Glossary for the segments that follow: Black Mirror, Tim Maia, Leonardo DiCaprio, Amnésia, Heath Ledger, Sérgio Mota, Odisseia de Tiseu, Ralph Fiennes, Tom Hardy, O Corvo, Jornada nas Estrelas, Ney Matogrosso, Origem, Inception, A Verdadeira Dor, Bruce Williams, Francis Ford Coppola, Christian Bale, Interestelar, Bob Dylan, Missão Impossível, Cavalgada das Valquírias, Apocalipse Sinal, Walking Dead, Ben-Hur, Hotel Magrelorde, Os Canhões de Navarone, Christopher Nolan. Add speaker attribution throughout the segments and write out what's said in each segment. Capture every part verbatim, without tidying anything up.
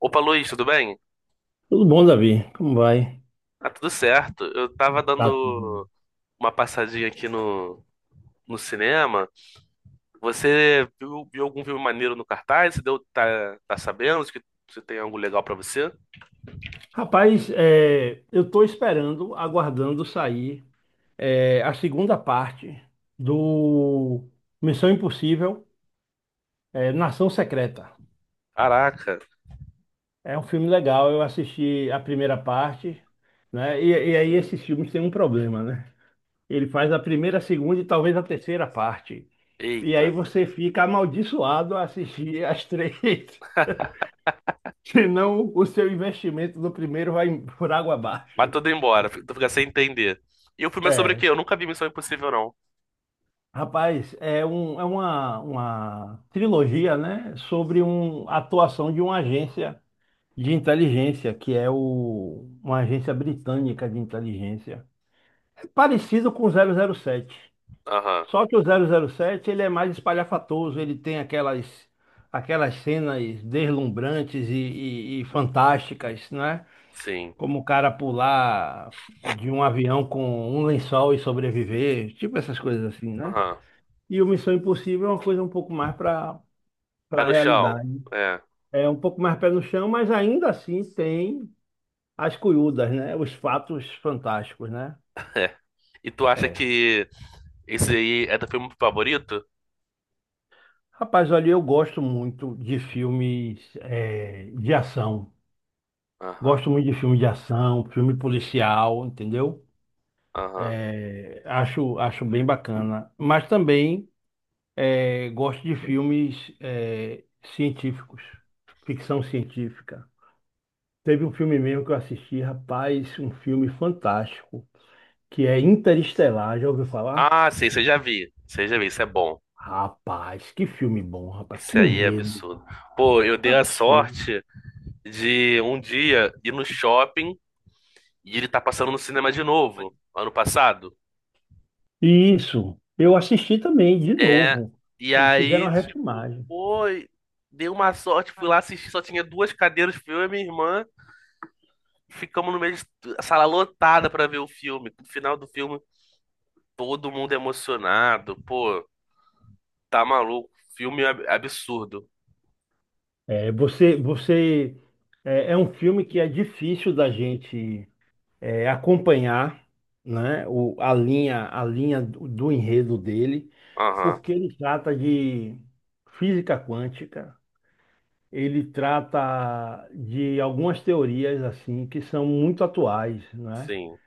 Speaker 1: Opa, Luiz, tudo bem?
Speaker 2: Tudo bom, Davi? Como vai?
Speaker 1: Ah, tudo certo. Eu tava
Speaker 2: Tá tudo bem.
Speaker 1: dando uma passadinha aqui no, no cinema. Você viu, viu algum filme maneiro no cartaz? Você deu, tá, tá sabendo se que se tem algo legal pra você?
Speaker 2: Rapaz, é, eu estou esperando, aguardando sair é, a segunda parte do Missão Impossível, é, Nação Secreta.
Speaker 1: Caraca,
Speaker 2: É um filme legal, eu assisti a primeira parte, né? E, e aí esses filmes têm um problema, né? Ele faz a primeira, a segunda e talvez a terceira parte. E aí
Speaker 1: eita.
Speaker 2: você fica amaldiçoado a assistir as três, senão o seu investimento do primeiro vai por água
Speaker 1: Mas
Speaker 2: abaixo.
Speaker 1: tudo embora, tu fica sem entender. E o filme é sobre o
Speaker 2: É,
Speaker 1: quê? Eu nunca vi Missão Impossível, não.
Speaker 2: Rapaz, é, um, é uma, uma trilogia, né, sobre um, a atuação de uma agência de inteligência, que é o, uma agência britânica de inteligência. É parecido com o zero zero sete,
Speaker 1: Aham,
Speaker 2: só que o zero zero sete ele é mais espalhafatoso, ele tem aquelas, aquelas cenas deslumbrantes e, e, e fantásticas, né?
Speaker 1: sim.
Speaker 2: Como o cara pular de um avião com um lençol e sobreviver, tipo essas coisas assim, né?
Speaker 1: Aham.
Speaker 2: E o Missão Impossível é uma coisa um pouco mais para
Speaker 1: Pé
Speaker 2: para a
Speaker 1: no chão.
Speaker 2: realidade.
Speaker 1: É,
Speaker 2: É um pouco mais pé no chão, mas ainda assim tem as curiúdas, né? Os fatos fantásticos, né?
Speaker 1: é. E tu acha
Speaker 2: É.
Speaker 1: que esse aí é teu filme favorito?
Speaker 2: Rapaz, olha, eu gosto muito de filmes eh, de ação.
Speaker 1: Aham,
Speaker 2: Gosto muito de filme de ação, filme policial, entendeu?
Speaker 1: aham.
Speaker 2: Eh, acho, acho bem bacana. Mas também eh, gosto de filmes eh, científicos, ficção científica. Teve um filme mesmo que eu assisti, rapaz, um filme fantástico, que é Interestelar, já ouviu falar?
Speaker 1: Ah, sim, você já vi. Você já vi, isso é bom.
Speaker 2: Rapaz, que filme bom, rapaz, que
Speaker 1: Isso aí é
Speaker 2: enredo,
Speaker 1: absurdo. Pô, eu dei a
Speaker 2: absurdo.
Speaker 1: sorte de um dia ir no shopping e ele tá passando no cinema de novo, ano passado.
Speaker 2: Isso, eu assisti também, de
Speaker 1: É,
Speaker 2: novo.
Speaker 1: e
Speaker 2: Eles fizeram
Speaker 1: aí,
Speaker 2: a
Speaker 1: tipo,
Speaker 2: refilmagem.
Speaker 1: pô, dei uma sorte, fui lá assistir, só tinha duas cadeiras, fui eu e minha irmã. Ficamos no meio da sala lotada pra ver o filme. No final do filme, todo mundo emocionado. Pô, tá maluco. Filme ab- absurdo.
Speaker 2: É, você, você é, é um filme que é difícil da gente é, acompanhar, né? O, a linha, a linha do, do enredo dele,
Speaker 1: Aham,
Speaker 2: porque ele trata de física quântica, ele trata de algumas teorias assim que são muito atuais, né?
Speaker 1: sim,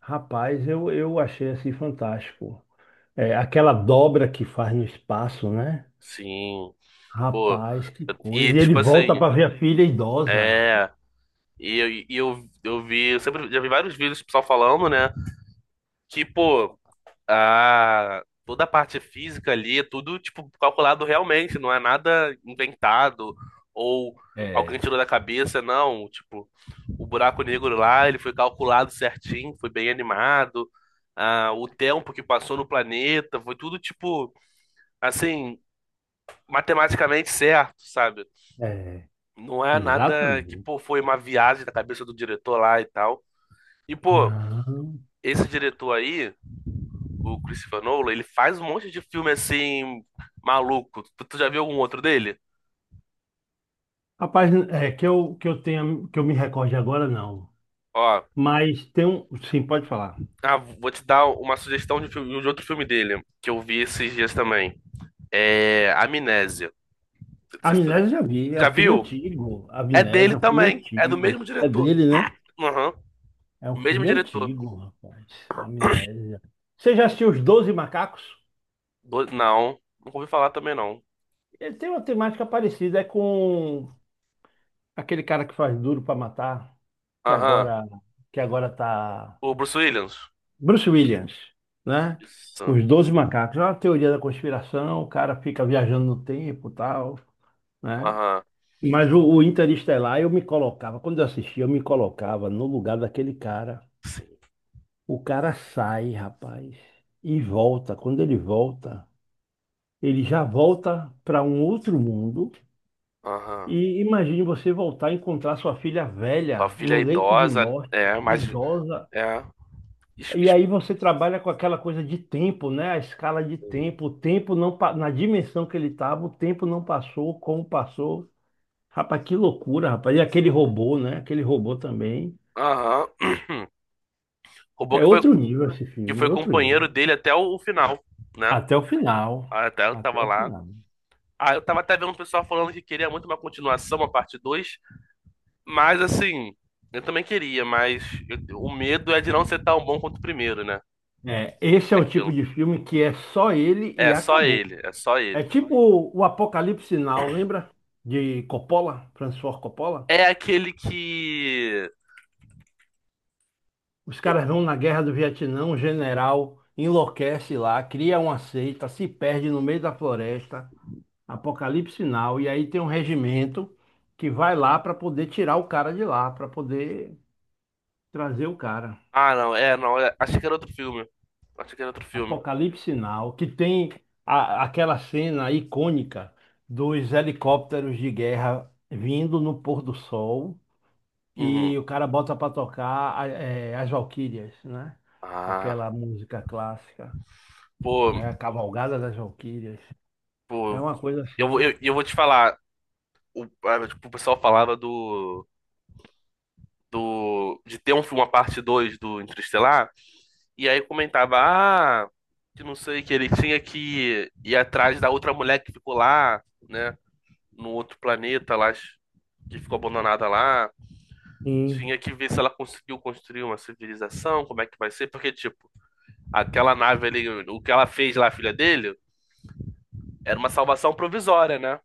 Speaker 2: Rapaz, eu, eu achei assim fantástico. É, aquela dobra que faz no espaço, né?
Speaker 1: sim. Pô,
Speaker 2: Rapaz, que
Speaker 1: eu-
Speaker 2: coisa.
Speaker 1: e
Speaker 2: E ele
Speaker 1: tipo
Speaker 2: volta
Speaker 1: assim,
Speaker 2: para ver a filha idosa.
Speaker 1: é. E, eu- e eu, eu vi, eu sempre já vi vários vídeos do pessoal falando, né? Que, pô, a, toda a parte física ali, é tudo, tipo, calculado realmente, não é nada inventado ou alguém
Speaker 2: É,
Speaker 1: tirou da cabeça, não. Tipo, o buraco negro lá, ele foi calculado certinho, foi bem animado. Ah, o tempo que passou no planeta, foi tudo, tipo, assim, matematicamente certo, sabe?
Speaker 2: é,
Speaker 1: Não é nada que,
Speaker 2: exatamente.
Speaker 1: pô, foi uma viagem da cabeça do diretor lá e tal. E, pô,
Speaker 2: Não.
Speaker 1: esse diretor aí, o Christopher Nolan, ele faz um monte de filme assim, maluco. Tu, tu já viu algum outro dele?
Speaker 2: Rapaz, é que eu que eu tenha que eu me recorde agora não.
Speaker 1: Ó,
Speaker 2: Mas tem um, sim, pode falar.
Speaker 1: ah, vou te dar uma sugestão de, filme- de outro filme dele, que eu vi esses dias também. É Amnésia.
Speaker 2: A
Speaker 1: Cê- cê-
Speaker 2: Amnésia eu já vi, é
Speaker 1: Já
Speaker 2: um filme
Speaker 1: viu?
Speaker 2: antigo. A
Speaker 1: É dele
Speaker 2: Amnésia é um filme
Speaker 1: também. É do
Speaker 2: antigo.
Speaker 1: mesmo
Speaker 2: É
Speaker 1: diretor.
Speaker 2: dele, né?
Speaker 1: Aham.
Speaker 2: É um
Speaker 1: O Mesmo
Speaker 2: filme
Speaker 1: diretor.
Speaker 2: antigo, rapaz. Amnésia. Você já assistiu Os Doze Macacos?
Speaker 1: Do- Não, nunca ouvi falar também não.
Speaker 2: Ele tem uma temática parecida, é com aquele cara que faz Duro pra Matar, que
Speaker 1: Aham.
Speaker 2: agora que agora tá
Speaker 1: O Bruce Williams.
Speaker 2: Bruce Williams, né?
Speaker 1: Isso.
Speaker 2: Os Doze Macacos. É uma teoria da conspiração, o cara fica viajando no tempo, e tal, né?
Speaker 1: Aham.
Speaker 2: Mas o, o Interestelar eu me colocava, quando eu assistia, eu me colocava no lugar daquele cara. O cara sai, rapaz, e volta. Quando ele volta ele já volta para um outro mundo.
Speaker 1: Aham.
Speaker 2: E imagine você voltar e encontrar sua filha
Speaker 1: Sua
Speaker 2: velha
Speaker 1: filha
Speaker 2: no
Speaker 1: é
Speaker 2: leito de
Speaker 1: idosa,
Speaker 2: morte,
Speaker 1: é, mas
Speaker 2: idosa.
Speaker 1: é. Es-
Speaker 2: E
Speaker 1: es-
Speaker 2: aí você trabalha com aquela coisa de tempo, né? A escala de tempo, o tempo não pa- na dimensão que ele estava, o tempo não passou, como passou. Rapaz, que loucura, rapaz. E aquele robô, né? Aquele robô também.
Speaker 1: Aham. Roubou
Speaker 2: É
Speaker 1: que foi,
Speaker 2: outro nível esse
Speaker 1: que
Speaker 2: filme,
Speaker 1: foi
Speaker 2: outro nível.
Speaker 1: companheiro dele até o, o final, né?
Speaker 2: Até o final.
Speaker 1: Até eu
Speaker 2: Até
Speaker 1: tava
Speaker 2: o
Speaker 1: lá.
Speaker 2: final.
Speaker 1: Ah, eu tava até vendo o pessoal falando que queria muito uma continuação, uma parte dois, mas assim, eu também queria, mas eu- o medo é de não ser tão bom quanto o primeiro, né?
Speaker 2: É, esse é
Speaker 1: É
Speaker 2: o tipo
Speaker 1: aquilo.
Speaker 2: de filme que é só ele e
Speaker 1: É só
Speaker 2: acabou.
Speaker 1: ele, é só
Speaker 2: É
Speaker 1: ele.
Speaker 2: tipo o Apocalipse Sinal, lembra? De Coppola, Francis Ford Coppola?
Speaker 1: É aquele que.
Speaker 2: Os caras vão na guerra do Vietnã, um general enlouquece lá, cria uma seita, se perde no meio da floresta, Apocalipse Sinal, e aí tem um regimento que vai lá para poder tirar o cara de lá, para poder trazer o cara.
Speaker 1: Ah, não, é, não, é- achei que era outro filme. Achei que era outro filme.
Speaker 2: Apocalipse Sinal, que tem a- aquela cena icônica dos helicópteros de guerra vindo no pôr do sol.
Speaker 1: Uhum.
Speaker 2: E o cara bota para tocar a- eh, as Valquírias, né?
Speaker 1: Ah,
Speaker 2: Aquela música clássica,
Speaker 1: pô,
Speaker 2: né? A Cavalgada das Valquírias. É
Speaker 1: pô,
Speaker 2: uma coisa
Speaker 1: eu,
Speaker 2: assim.
Speaker 1: eu, eu vou te falar. O, ah, tipo, o pessoal falava do, do, de ter um, filme uma parte dois do Interestelar, e aí comentava, ah, que não sei, que ele tinha que ir atrás da outra mulher que ficou lá, né, no outro planeta lá, que ficou abandonada lá. Tinha
Speaker 2: Sim,
Speaker 1: que ver se ela conseguiu construir uma civilização, como é que vai ser, porque, tipo, aquela nave ali, o que ela fez lá, a filha dele, era uma salvação provisória, né?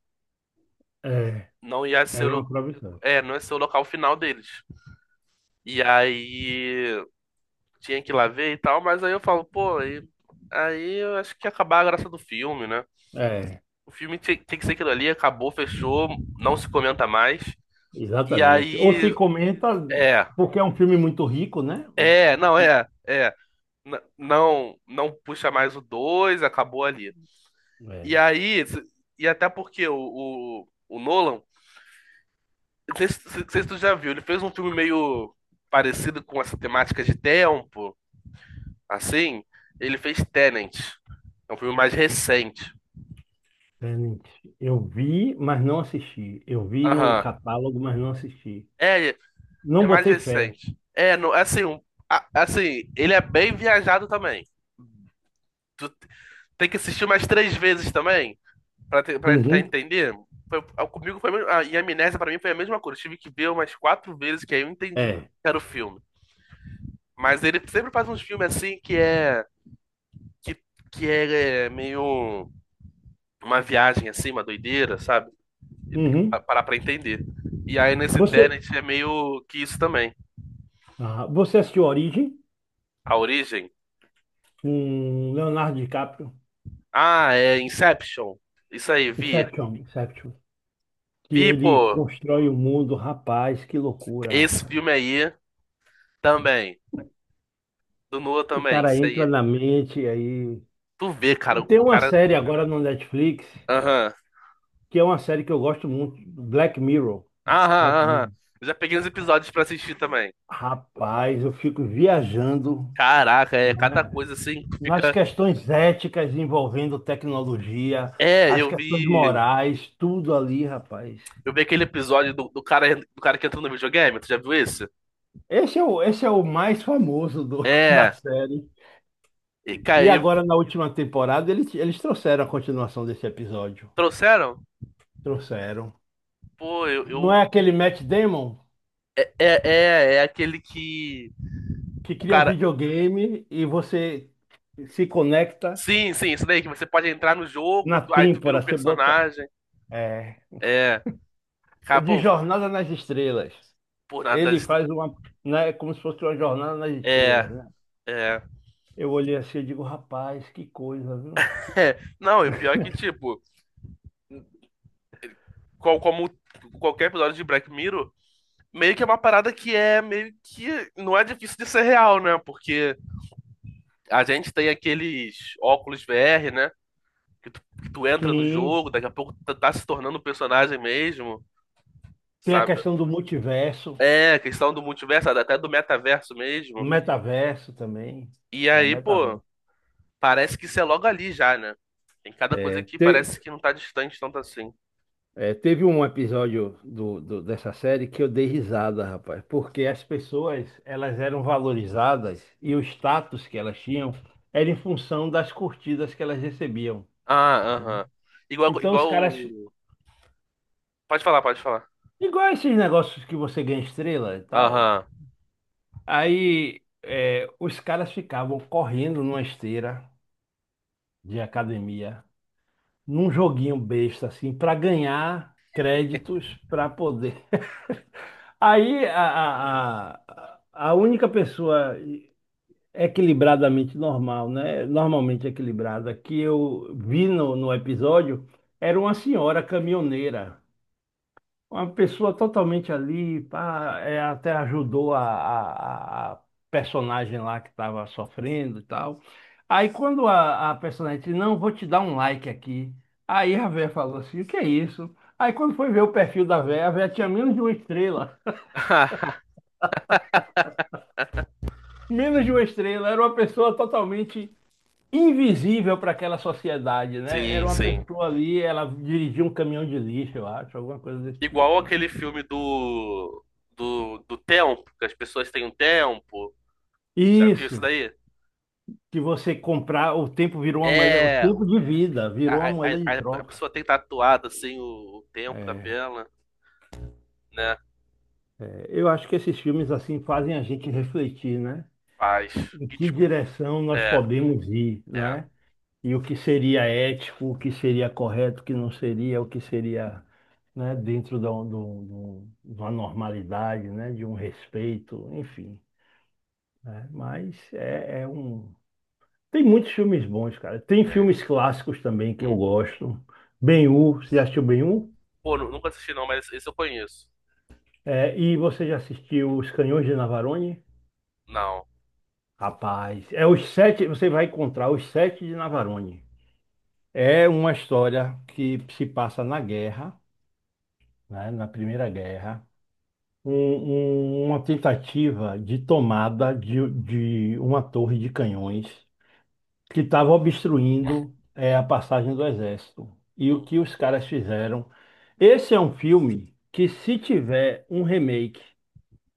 Speaker 2: é,
Speaker 1: Não ia ser o,
Speaker 2: era uma
Speaker 1: lo-
Speaker 2: proibição.
Speaker 1: é, não ia ser o local final deles. E aí tinha que ir lá ver e tal, mas aí eu falo, pô, aí, aí eu acho que ia acabar a graça do filme, né?
Speaker 2: É,
Speaker 1: O filme tem, tem que ser aquilo ali, acabou, fechou, não se comenta mais. E
Speaker 2: exatamente. Ou
Speaker 1: aí,
Speaker 2: se comenta,
Speaker 1: é,
Speaker 2: porque é um filme muito rico, né?
Speaker 1: é, não, é, é, n- não, não puxa mais o dois acabou ali. E
Speaker 2: É.
Speaker 1: aí, se- e até porque o, o, o Nolan, não sei se, se se tu já viu, ele fez um filme meio parecido com essa temática de tempo. Assim, ele fez Tenet. É um filme mais recente.
Speaker 2: Tenet. Eu vi, mas não assisti. Eu vi no
Speaker 1: Aham.
Speaker 2: catálogo, mas não assisti.
Speaker 1: É, é
Speaker 2: Não
Speaker 1: mais
Speaker 2: botei fé.
Speaker 1: recente. É, não, assim, um- a- assim, ele é bem viajado também. Tu t- Tem que assistir umas três vezes também, pra, te- pra tentar
Speaker 2: Uhum.
Speaker 1: entender. Foi- a- comigo foi a mesma- a, e a Amnésia pra mim foi a mesma coisa. Eu tive que ver umas quatro vezes que aí eu entendi o que
Speaker 2: É.
Speaker 1: era o filme. Mas ele sempre faz uns filmes assim que é, que, que é, é meio uma viagem assim, uma doideira, sabe? E tem que pa-
Speaker 2: Uhum.
Speaker 1: parar pra entender. E aí nesse Tenet
Speaker 2: Você,
Speaker 1: é meio que isso também.
Speaker 2: ah, você assistiu Origem?
Speaker 1: A origem.
Speaker 2: Com Leonardo DiCaprio,
Speaker 1: Ah, é Inception. Isso aí, vi.
Speaker 2: Inception, Inception, que
Speaker 1: Vi,
Speaker 2: ele
Speaker 1: pô,
Speaker 2: constrói o mundo, rapaz, que loucura,
Speaker 1: esse
Speaker 2: rapaz.
Speaker 1: filme aí também. Do Noah
Speaker 2: Que o
Speaker 1: também.
Speaker 2: cara
Speaker 1: Isso
Speaker 2: entra
Speaker 1: aí.
Speaker 2: na mente aí.
Speaker 1: Tu vê,
Speaker 2: E
Speaker 1: cara,
Speaker 2: tem
Speaker 1: o
Speaker 2: uma
Speaker 1: cara.
Speaker 2: série agora no Netflix,
Speaker 1: Aham.
Speaker 2: que é uma série que eu gosto muito, Black Mirror.
Speaker 1: Aham,
Speaker 2: Black
Speaker 1: aham.
Speaker 2: Mirror.
Speaker 1: Eu já peguei uns episódios pra assistir também.
Speaker 2: Rapaz, eu fico viajando,
Speaker 1: Caraca, é cada
Speaker 2: né,
Speaker 1: coisa assim que
Speaker 2: nas
Speaker 1: fica.
Speaker 2: questões éticas envolvendo tecnologia,
Speaker 1: É,
Speaker 2: as
Speaker 1: eu
Speaker 2: questões
Speaker 1: vi.
Speaker 2: morais, tudo ali, rapaz.
Speaker 1: Eu vi aquele episódio do, do cara, do cara que entrou no videogame. Tu já viu esse?
Speaker 2: Esse é o, esse é o mais famoso do- da
Speaker 1: É.
Speaker 2: série.
Speaker 1: E, cara,
Speaker 2: E
Speaker 1: e
Speaker 2: agora, na última temporada, eles, eles trouxeram a continuação desse episódio.
Speaker 1: trouxeram?
Speaker 2: Trouxeram.
Speaker 1: Pô, eu,
Speaker 2: Não
Speaker 1: eu
Speaker 2: é aquele Matt Damon
Speaker 1: É, é, é aquele que
Speaker 2: que
Speaker 1: o
Speaker 2: cria um
Speaker 1: cara.
Speaker 2: videogame e você se conecta
Speaker 1: Sim, sim, isso daí, que você pode entrar no jogo,
Speaker 2: na
Speaker 1: tu- aí tu vira
Speaker 2: têmpora,
Speaker 1: o
Speaker 2: você bota.
Speaker 1: personagem.
Speaker 2: É,
Speaker 1: É, cara,
Speaker 2: de
Speaker 1: pô,
Speaker 2: Jornada nas Estrelas.
Speaker 1: por nada.
Speaker 2: Ele
Speaker 1: Das-
Speaker 2: faz uma. Né, como se fosse uma jornada nas
Speaker 1: É,
Speaker 2: estrelas, né?
Speaker 1: é.
Speaker 2: Eu olhei assim e digo, rapaz, que coisa, viu?
Speaker 1: É. Não, e o pior é que, tipo, qual, como qualquer episódio de Black Mirror, meio que é uma parada que é meio que. Não é difícil de ser real, né? Porque a gente tem aqueles óculos V R, né? Que tu, que tu entra no
Speaker 2: Sim.
Speaker 1: jogo, daqui a pouco tu tá se tornando um personagem mesmo,
Speaker 2: Tem a
Speaker 1: sabe?
Speaker 2: questão do multiverso,
Speaker 1: É, a questão do multiverso, até do metaverso mesmo.
Speaker 2: metaverso também.
Speaker 1: E
Speaker 2: É,
Speaker 1: aí,
Speaker 2: metaverso.
Speaker 1: pô, parece que isso é logo ali já, né? Tem cada coisa
Speaker 2: É,
Speaker 1: que
Speaker 2: te-
Speaker 1: parece que não tá distante tanto assim.
Speaker 2: É, teve um episódio do, do- dessa série que eu dei risada, rapaz, porque as pessoas elas eram valorizadas e o status que elas tinham era em função das curtidas que elas recebiam.
Speaker 1: Ah,
Speaker 2: Né?
Speaker 1: aham. Igual,
Speaker 2: Então
Speaker 1: igual.
Speaker 2: os caras,
Speaker 1: o- Pode falar, pode falar.
Speaker 2: igual esses negócios que você ganha estrela e tal,
Speaker 1: Aham.
Speaker 2: aí é, os caras ficavam correndo numa esteira de academia, num joguinho besta assim, para ganhar créditos para poder. Aí a, a, a a única pessoa equilibradamente normal, né? Normalmente equilibrada, que eu vi no, no episódio era uma senhora caminhoneira. Uma pessoa totalmente ali, pá, é, até ajudou a, a, a personagem lá que estava sofrendo e tal. Aí quando a, a personagem disse, não, vou te dar um like aqui. Aí a véia falou assim, o que é isso? Aí quando foi ver o perfil da véia, a véia tinha menos de uma estrela. Menos de uma estrela, era uma pessoa totalmente invisível para aquela sociedade, né? Era
Speaker 1: Sim,
Speaker 2: uma
Speaker 1: sim.
Speaker 2: pessoa ali, ela dirigia um caminhão de lixo, eu acho, alguma coisa desse
Speaker 1: Igual
Speaker 2: tipo, né?
Speaker 1: aquele filme do, do, do tempo, que as pessoas têm um tempo. Já viu isso
Speaker 2: Isso,
Speaker 1: daí?
Speaker 2: que você comprar, o tempo virou uma moeda, o
Speaker 1: É,
Speaker 2: tempo
Speaker 1: o-
Speaker 2: de vida virou
Speaker 1: a,
Speaker 2: uma
Speaker 1: a,
Speaker 2: moeda de
Speaker 1: a a
Speaker 2: troca.
Speaker 1: pessoa tem tatuado assim o, o tempo da perna, né?
Speaker 2: É, eu acho que esses filmes assim fazem a gente refletir, né?
Speaker 1: Faz.
Speaker 2: Em
Speaker 1: E
Speaker 2: que
Speaker 1: tipo,
Speaker 2: direção nós
Speaker 1: é.
Speaker 2: podemos ir,
Speaker 1: É,
Speaker 2: né? E o que seria ético, o que seria correto, o que não seria, o que seria, né, dentro da- do- do- de uma normalidade, né, de um respeito, enfim, né? Mas é, é um... Tem muitos filmes bons, cara. Tem
Speaker 1: é.
Speaker 2: filmes clássicos também que eu
Speaker 1: Uhum.
Speaker 2: gosto. Ben-Hur, você já assistiu Ben-Hur?
Speaker 1: Pô, nu- nunca assisti não, mas esse eu conheço.
Speaker 2: É, e você já assistiu Os Canhões de Navarone?
Speaker 1: Não.
Speaker 2: Rapaz, é os sete, você vai encontrar os sete de Navarone. É uma história que se passa na guerra, né, na Primeira Guerra. um- um- uma tentativa de tomada de, de uma torre de canhões que estava obstruindo eh, a passagem do exército. E o que
Speaker 1: Uhum.
Speaker 2: os caras fizeram? Esse é um filme que, se tiver um remake,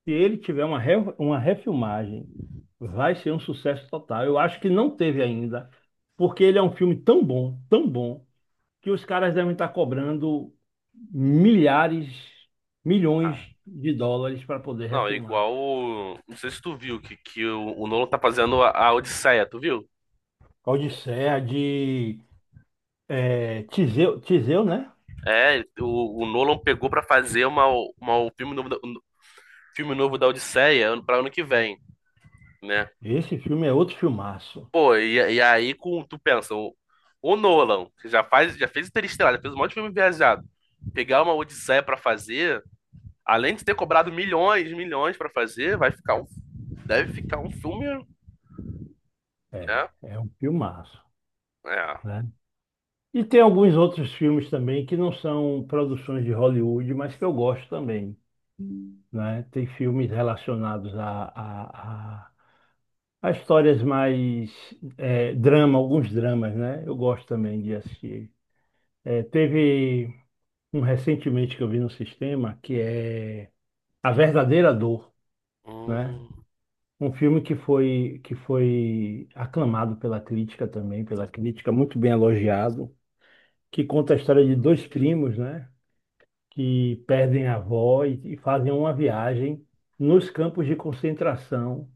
Speaker 2: se ele tiver uma, re- uma refilmagem, vai ser um sucesso total. Eu acho que não teve ainda, porque ele é um filme tão bom, tão bom, que os caras devem estar cobrando milhares, milhões
Speaker 1: Ah.
Speaker 2: de dólares para poder
Speaker 1: Não, é
Speaker 2: refilmar.
Speaker 1: igual. o- Não sei se tu viu que, que o, o Nolan tá fazendo a, a Odisseia, tu viu?
Speaker 2: Odisseia de é, Tiseu, Tiseu, né?
Speaker 1: É, o, o Nolan pegou pra fazer uma, uma, um filme novo da, um filme novo da Odisseia ano- pra ano que vem, né?
Speaker 2: Esse filme é outro filmaço.
Speaker 1: Pô, e, e aí com, tu pensa, o, o Nolan, que já faz, já fez Interestelar, já fez um monte de filme viajado. Pegar uma Odisseia pra fazer, além de ter cobrado milhões, milhões pra fazer, vai ficar um Deve ficar um filme, né?
Speaker 2: É, é um filmaço,
Speaker 1: É.
Speaker 2: né? E tem alguns outros filmes também que não são produções de Hollywood, mas que eu gosto também, né? Tem filmes relacionados a, a, a, a histórias mais é, drama, alguns dramas, né? Eu gosto também de assistir. É, teve um recentemente que eu vi no sistema que é A Verdadeira Dor, né?
Speaker 1: Hum,
Speaker 2: Um filme que foi, que foi aclamado pela crítica também, pela crítica, muito bem elogiado, que conta a história de dois primos, né, que perdem a avó e, e fazem uma viagem nos campos de concentração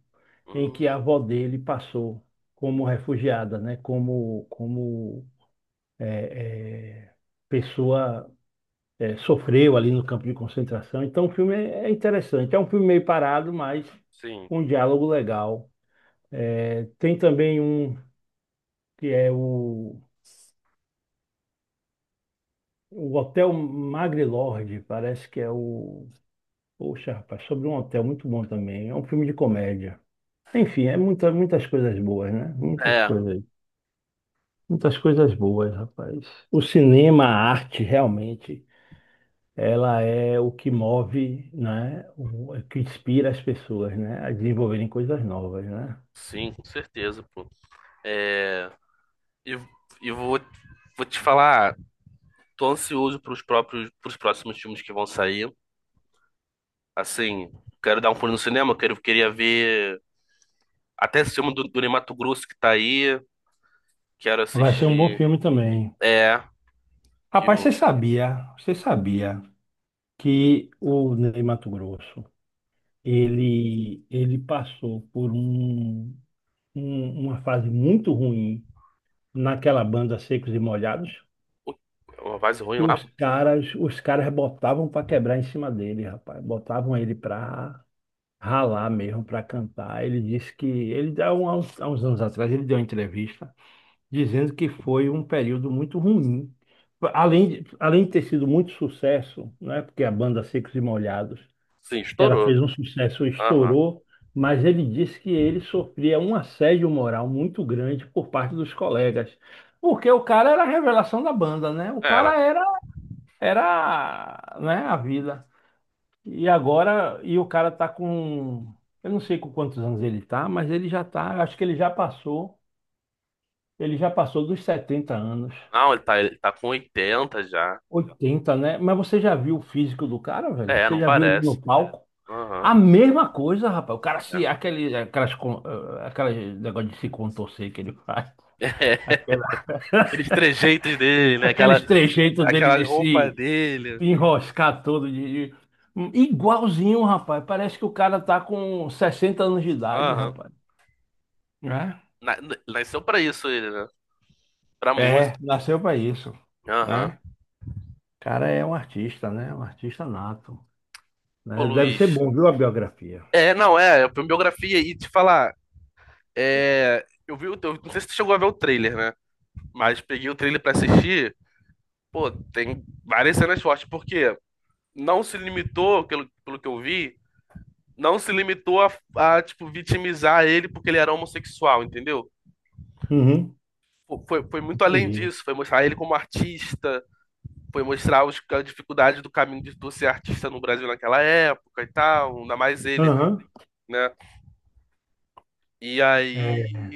Speaker 2: em
Speaker 1: hum,
Speaker 2: que a avó dele passou como refugiada, né, como, como é, é, pessoa é, sofreu ali no campo de concentração. Então o filme é é interessante. É um filme meio parado, mas
Speaker 1: sim.
Speaker 2: com um diálogo legal. É, tem também um que é o, o Hotel Magrelorde, parece que é o. Poxa, rapaz, sobre um hotel muito bom também. É um filme de comédia. Enfim, é muita, muitas coisas boas, né? Muitas
Speaker 1: É,
Speaker 2: coisas, muitas coisas boas, rapaz. O cinema, a arte, realmente, ela é o que move, né? O, o que inspira as pessoas, né? A desenvolverem coisas novas, né?
Speaker 1: sim, com certeza, pô. É, e, e vou, vou te falar, tô ansioso pros próprios, pros próximos filmes que vão sair. Assim, quero dar um pulo no cinema, quero, queria ver até esse filme do, do Ney Matogrosso que tá aí. Quero
Speaker 2: Vai ser um bom
Speaker 1: assistir.
Speaker 2: filme também.
Speaker 1: É, que
Speaker 2: Rapaz,
Speaker 1: o.
Speaker 2: você sabia? Você sabia? Que o Ney Matogrosso, ele, ele passou por um, um- uma fase muito ruim naquela banda Secos e Molhados,
Speaker 1: Ui, uma base ruim
Speaker 2: que
Speaker 1: lá?
Speaker 2: os caras, os caras botavam para quebrar em cima dele, rapaz. Botavam ele para ralar mesmo, para cantar. Ele disse que ele há um- há uns, há uns anos atrás ele deu uma entrevista dizendo que foi um período muito ruim. Além de, além de ter sido muito sucesso, né? Porque a banda Secos e Molhados,
Speaker 1: Sim,
Speaker 2: ela
Speaker 1: estourou.
Speaker 2: fez um sucesso,
Speaker 1: Aham.
Speaker 2: estourou, mas ele disse que ele sofria um assédio moral muito grande por parte dos colegas. Porque o cara era a revelação da banda, né? O
Speaker 1: Era.
Speaker 2: cara era, era, né, a vida. E agora, e o cara tá com, eu não sei com quantos anos ele tá, mas ele já tá, acho que ele já passou, ele já passou dos setenta anos.
Speaker 1: Não, ele tá, ele tá com oitenta já.
Speaker 2: Oitenta, né? Mas você já viu o físico do cara, velho?
Speaker 1: É,
Speaker 2: Você
Speaker 1: não
Speaker 2: já viu ele
Speaker 1: parece.
Speaker 2: no palco?
Speaker 1: Aham,
Speaker 2: A mesma coisa, rapaz. O cara se. Aquele, aquelas, con- eh, aquelas negócio de se contorcer que ele faz.
Speaker 1: é.
Speaker 2: Aquela,
Speaker 1: Aqueles trejeitos dele, né?
Speaker 2: aqueles
Speaker 1: Aquela,
Speaker 2: trejeitos dele
Speaker 1: aquela
Speaker 2: de
Speaker 1: roupa
Speaker 2: se
Speaker 1: dele.
Speaker 2: enroscar todo. De, de- igualzinho, rapaz. Parece que o cara tá com sessenta anos de idade,
Speaker 1: Aham.
Speaker 2: rapaz. Né?
Speaker 1: Na- n- Nasceu pra isso ele, né? Pra
Speaker 2: É,
Speaker 1: música.
Speaker 2: nasceu pra isso.
Speaker 1: Aham.
Speaker 2: Né? O cara é um artista, né? Um artista nato.
Speaker 1: Pô,
Speaker 2: Né? Deve ser
Speaker 1: Luiz.
Speaker 2: bom, viu, a biografia.
Speaker 1: É, não, é, foi uma biografia e te falar, é, eu vi o teu, não sei se tu chegou a ver o trailer, né? Mas peguei o trailer pra assistir. Pô, tem várias cenas fortes, porque não se limitou, pelo, pelo que eu vi, não se limitou a, a, tipo, vitimizar ele porque ele era homossexual, entendeu?
Speaker 2: Uhum,
Speaker 1: Foi, foi muito além
Speaker 2: entendi.
Speaker 1: disso, foi mostrar ele como artista, foi mostrar os, a dificuldade do caminho de tu ser artista no Brasil naquela época e tal, ainda mais ele,
Speaker 2: Aham,
Speaker 1: né? E aí
Speaker 2: é,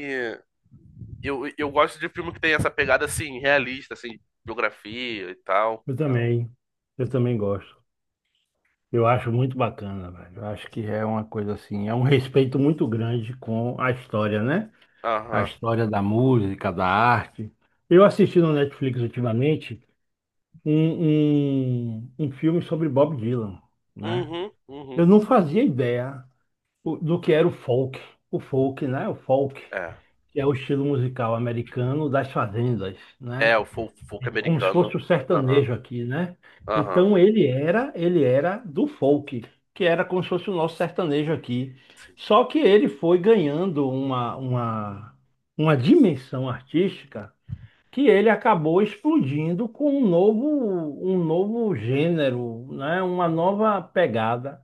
Speaker 1: eu, eu gosto de filme que tem essa pegada assim, realista, assim, biografia e tal.
Speaker 2: eu também. Eu também gosto. Eu acho muito bacana, velho. Eu acho que é uma coisa assim, é um respeito muito grande com a história, né? A
Speaker 1: Aham.
Speaker 2: história da música, da arte. Eu assisti no Netflix ultimamente um, um, um filme sobre Bob Dylan, né?
Speaker 1: Uhum,
Speaker 2: Eu
Speaker 1: uhum.
Speaker 2: não fazia ideia o- do que era o folk, o folk, né? O folk,
Speaker 1: É.
Speaker 2: que é o estilo musical americano das fazendas,
Speaker 1: É,
Speaker 2: né?
Speaker 1: o fol- folk
Speaker 2: Como se
Speaker 1: americano.
Speaker 2: fosse o
Speaker 1: Aham,
Speaker 2: sertanejo aqui, né?
Speaker 1: aham.
Speaker 2: Então ele era, ele era do folk, que era como se fosse o nosso sertanejo aqui.
Speaker 1: Sim,
Speaker 2: Só que ele foi ganhando uma, uma, uma dimensão artística que ele acabou explodindo com um novo, um novo gênero, né? Uma nova pegada.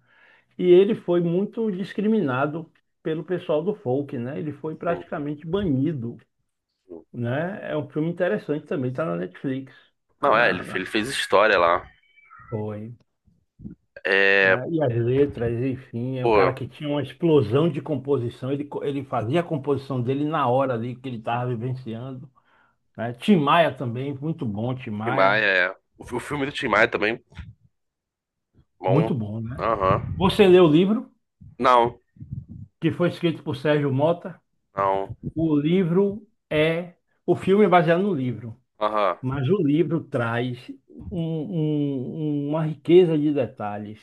Speaker 2: E ele foi muito discriminado pelo pessoal do folk, né? Ele foi
Speaker 1: sim,
Speaker 2: praticamente banido,
Speaker 1: sim.
Speaker 2: né? É um filme interessante também, está na Netflix. Tá
Speaker 1: Não, é,
Speaker 2: na,
Speaker 1: ele,
Speaker 2: na-
Speaker 1: ele fez história lá.
Speaker 2: foi,
Speaker 1: É,
Speaker 2: né? E as letras, enfim, é um cara
Speaker 1: pô,
Speaker 2: que tinha uma explosão de composição, ele, co- ele fazia a composição dele na hora ali que ele estava vivenciando, né? Tim Maia também, muito bom, Tim
Speaker 1: Tim
Speaker 2: Maia,
Speaker 1: Maia, é. O, fi- o filme do Tim Maia também Bom.
Speaker 2: muito bom, né?
Speaker 1: Aham.
Speaker 2: Você leu o livro,
Speaker 1: Não.
Speaker 2: que foi escrito por Sérgio Mota,
Speaker 1: Não.
Speaker 2: o livro é, o filme é baseado no livro,
Speaker 1: Aham.
Speaker 2: mas o livro traz um- um- uma riqueza de detalhes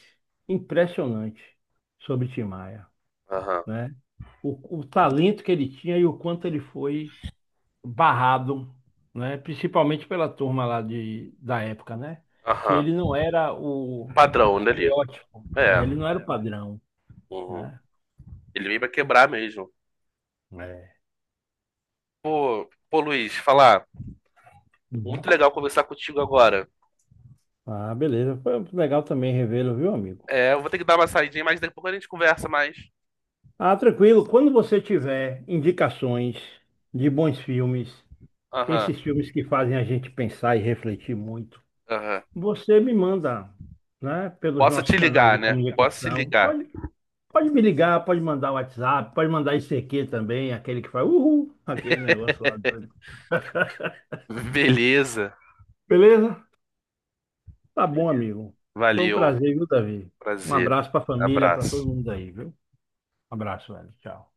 Speaker 2: impressionante sobre Tim Maia,
Speaker 1: Aham.
Speaker 2: né? o, o talento que ele tinha e o quanto ele foi barrado, né? Principalmente pela turma lá de, da época, né? Que
Speaker 1: Aham.
Speaker 2: ele não era
Speaker 1: O
Speaker 2: o
Speaker 1: padrão dali.
Speaker 2: estereótipo,
Speaker 1: É.
Speaker 2: é, ele não era o padrão,
Speaker 1: Uhum.
Speaker 2: né?
Speaker 1: Ele veio pra quebrar mesmo.
Speaker 2: É.
Speaker 1: Pô, pô, Luiz, falar.
Speaker 2: Uhum.
Speaker 1: Muito legal conversar contigo agora.
Speaker 2: Ah, beleza. Foi legal também revê-lo, viu, amigo?
Speaker 1: É, eu vou ter que dar uma saidinha, mas daqui a pouco a gente conversa mais.
Speaker 2: Ah, tranquilo. Quando você tiver indicações de bons filmes,
Speaker 1: Aham.
Speaker 2: esses filmes que fazem a gente pensar e refletir muito,
Speaker 1: Aham.
Speaker 2: você me manda, né, pelos
Speaker 1: Posso
Speaker 2: nossos
Speaker 1: te
Speaker 2: canais de
Speaker 1: ligar, né? Posso te
Speaker 2: comunicação.
Speaker 1: ligar.
Speaker 2: Pode Pode me ligar, pode mandar WhatsApp, pode mandar I C Q também, aquele que faz uhul, aquele negócio lá doido.
Speaker 1: Beleza.
Speaker 2: Beleza? Tá bom,
Speaker 1: Beleza.
Speaker 2: amigo. Foi um
Speaker 1: Valeu.
Speaker 2: prazer, viu, Davi? Um
Speaker 1: Prazer.
Speaker 2: abraço pra família, pra
Speaker 1: Abraço.
Speaker 2: todo mundo aí, viu? Um abraço, velho. Tchau.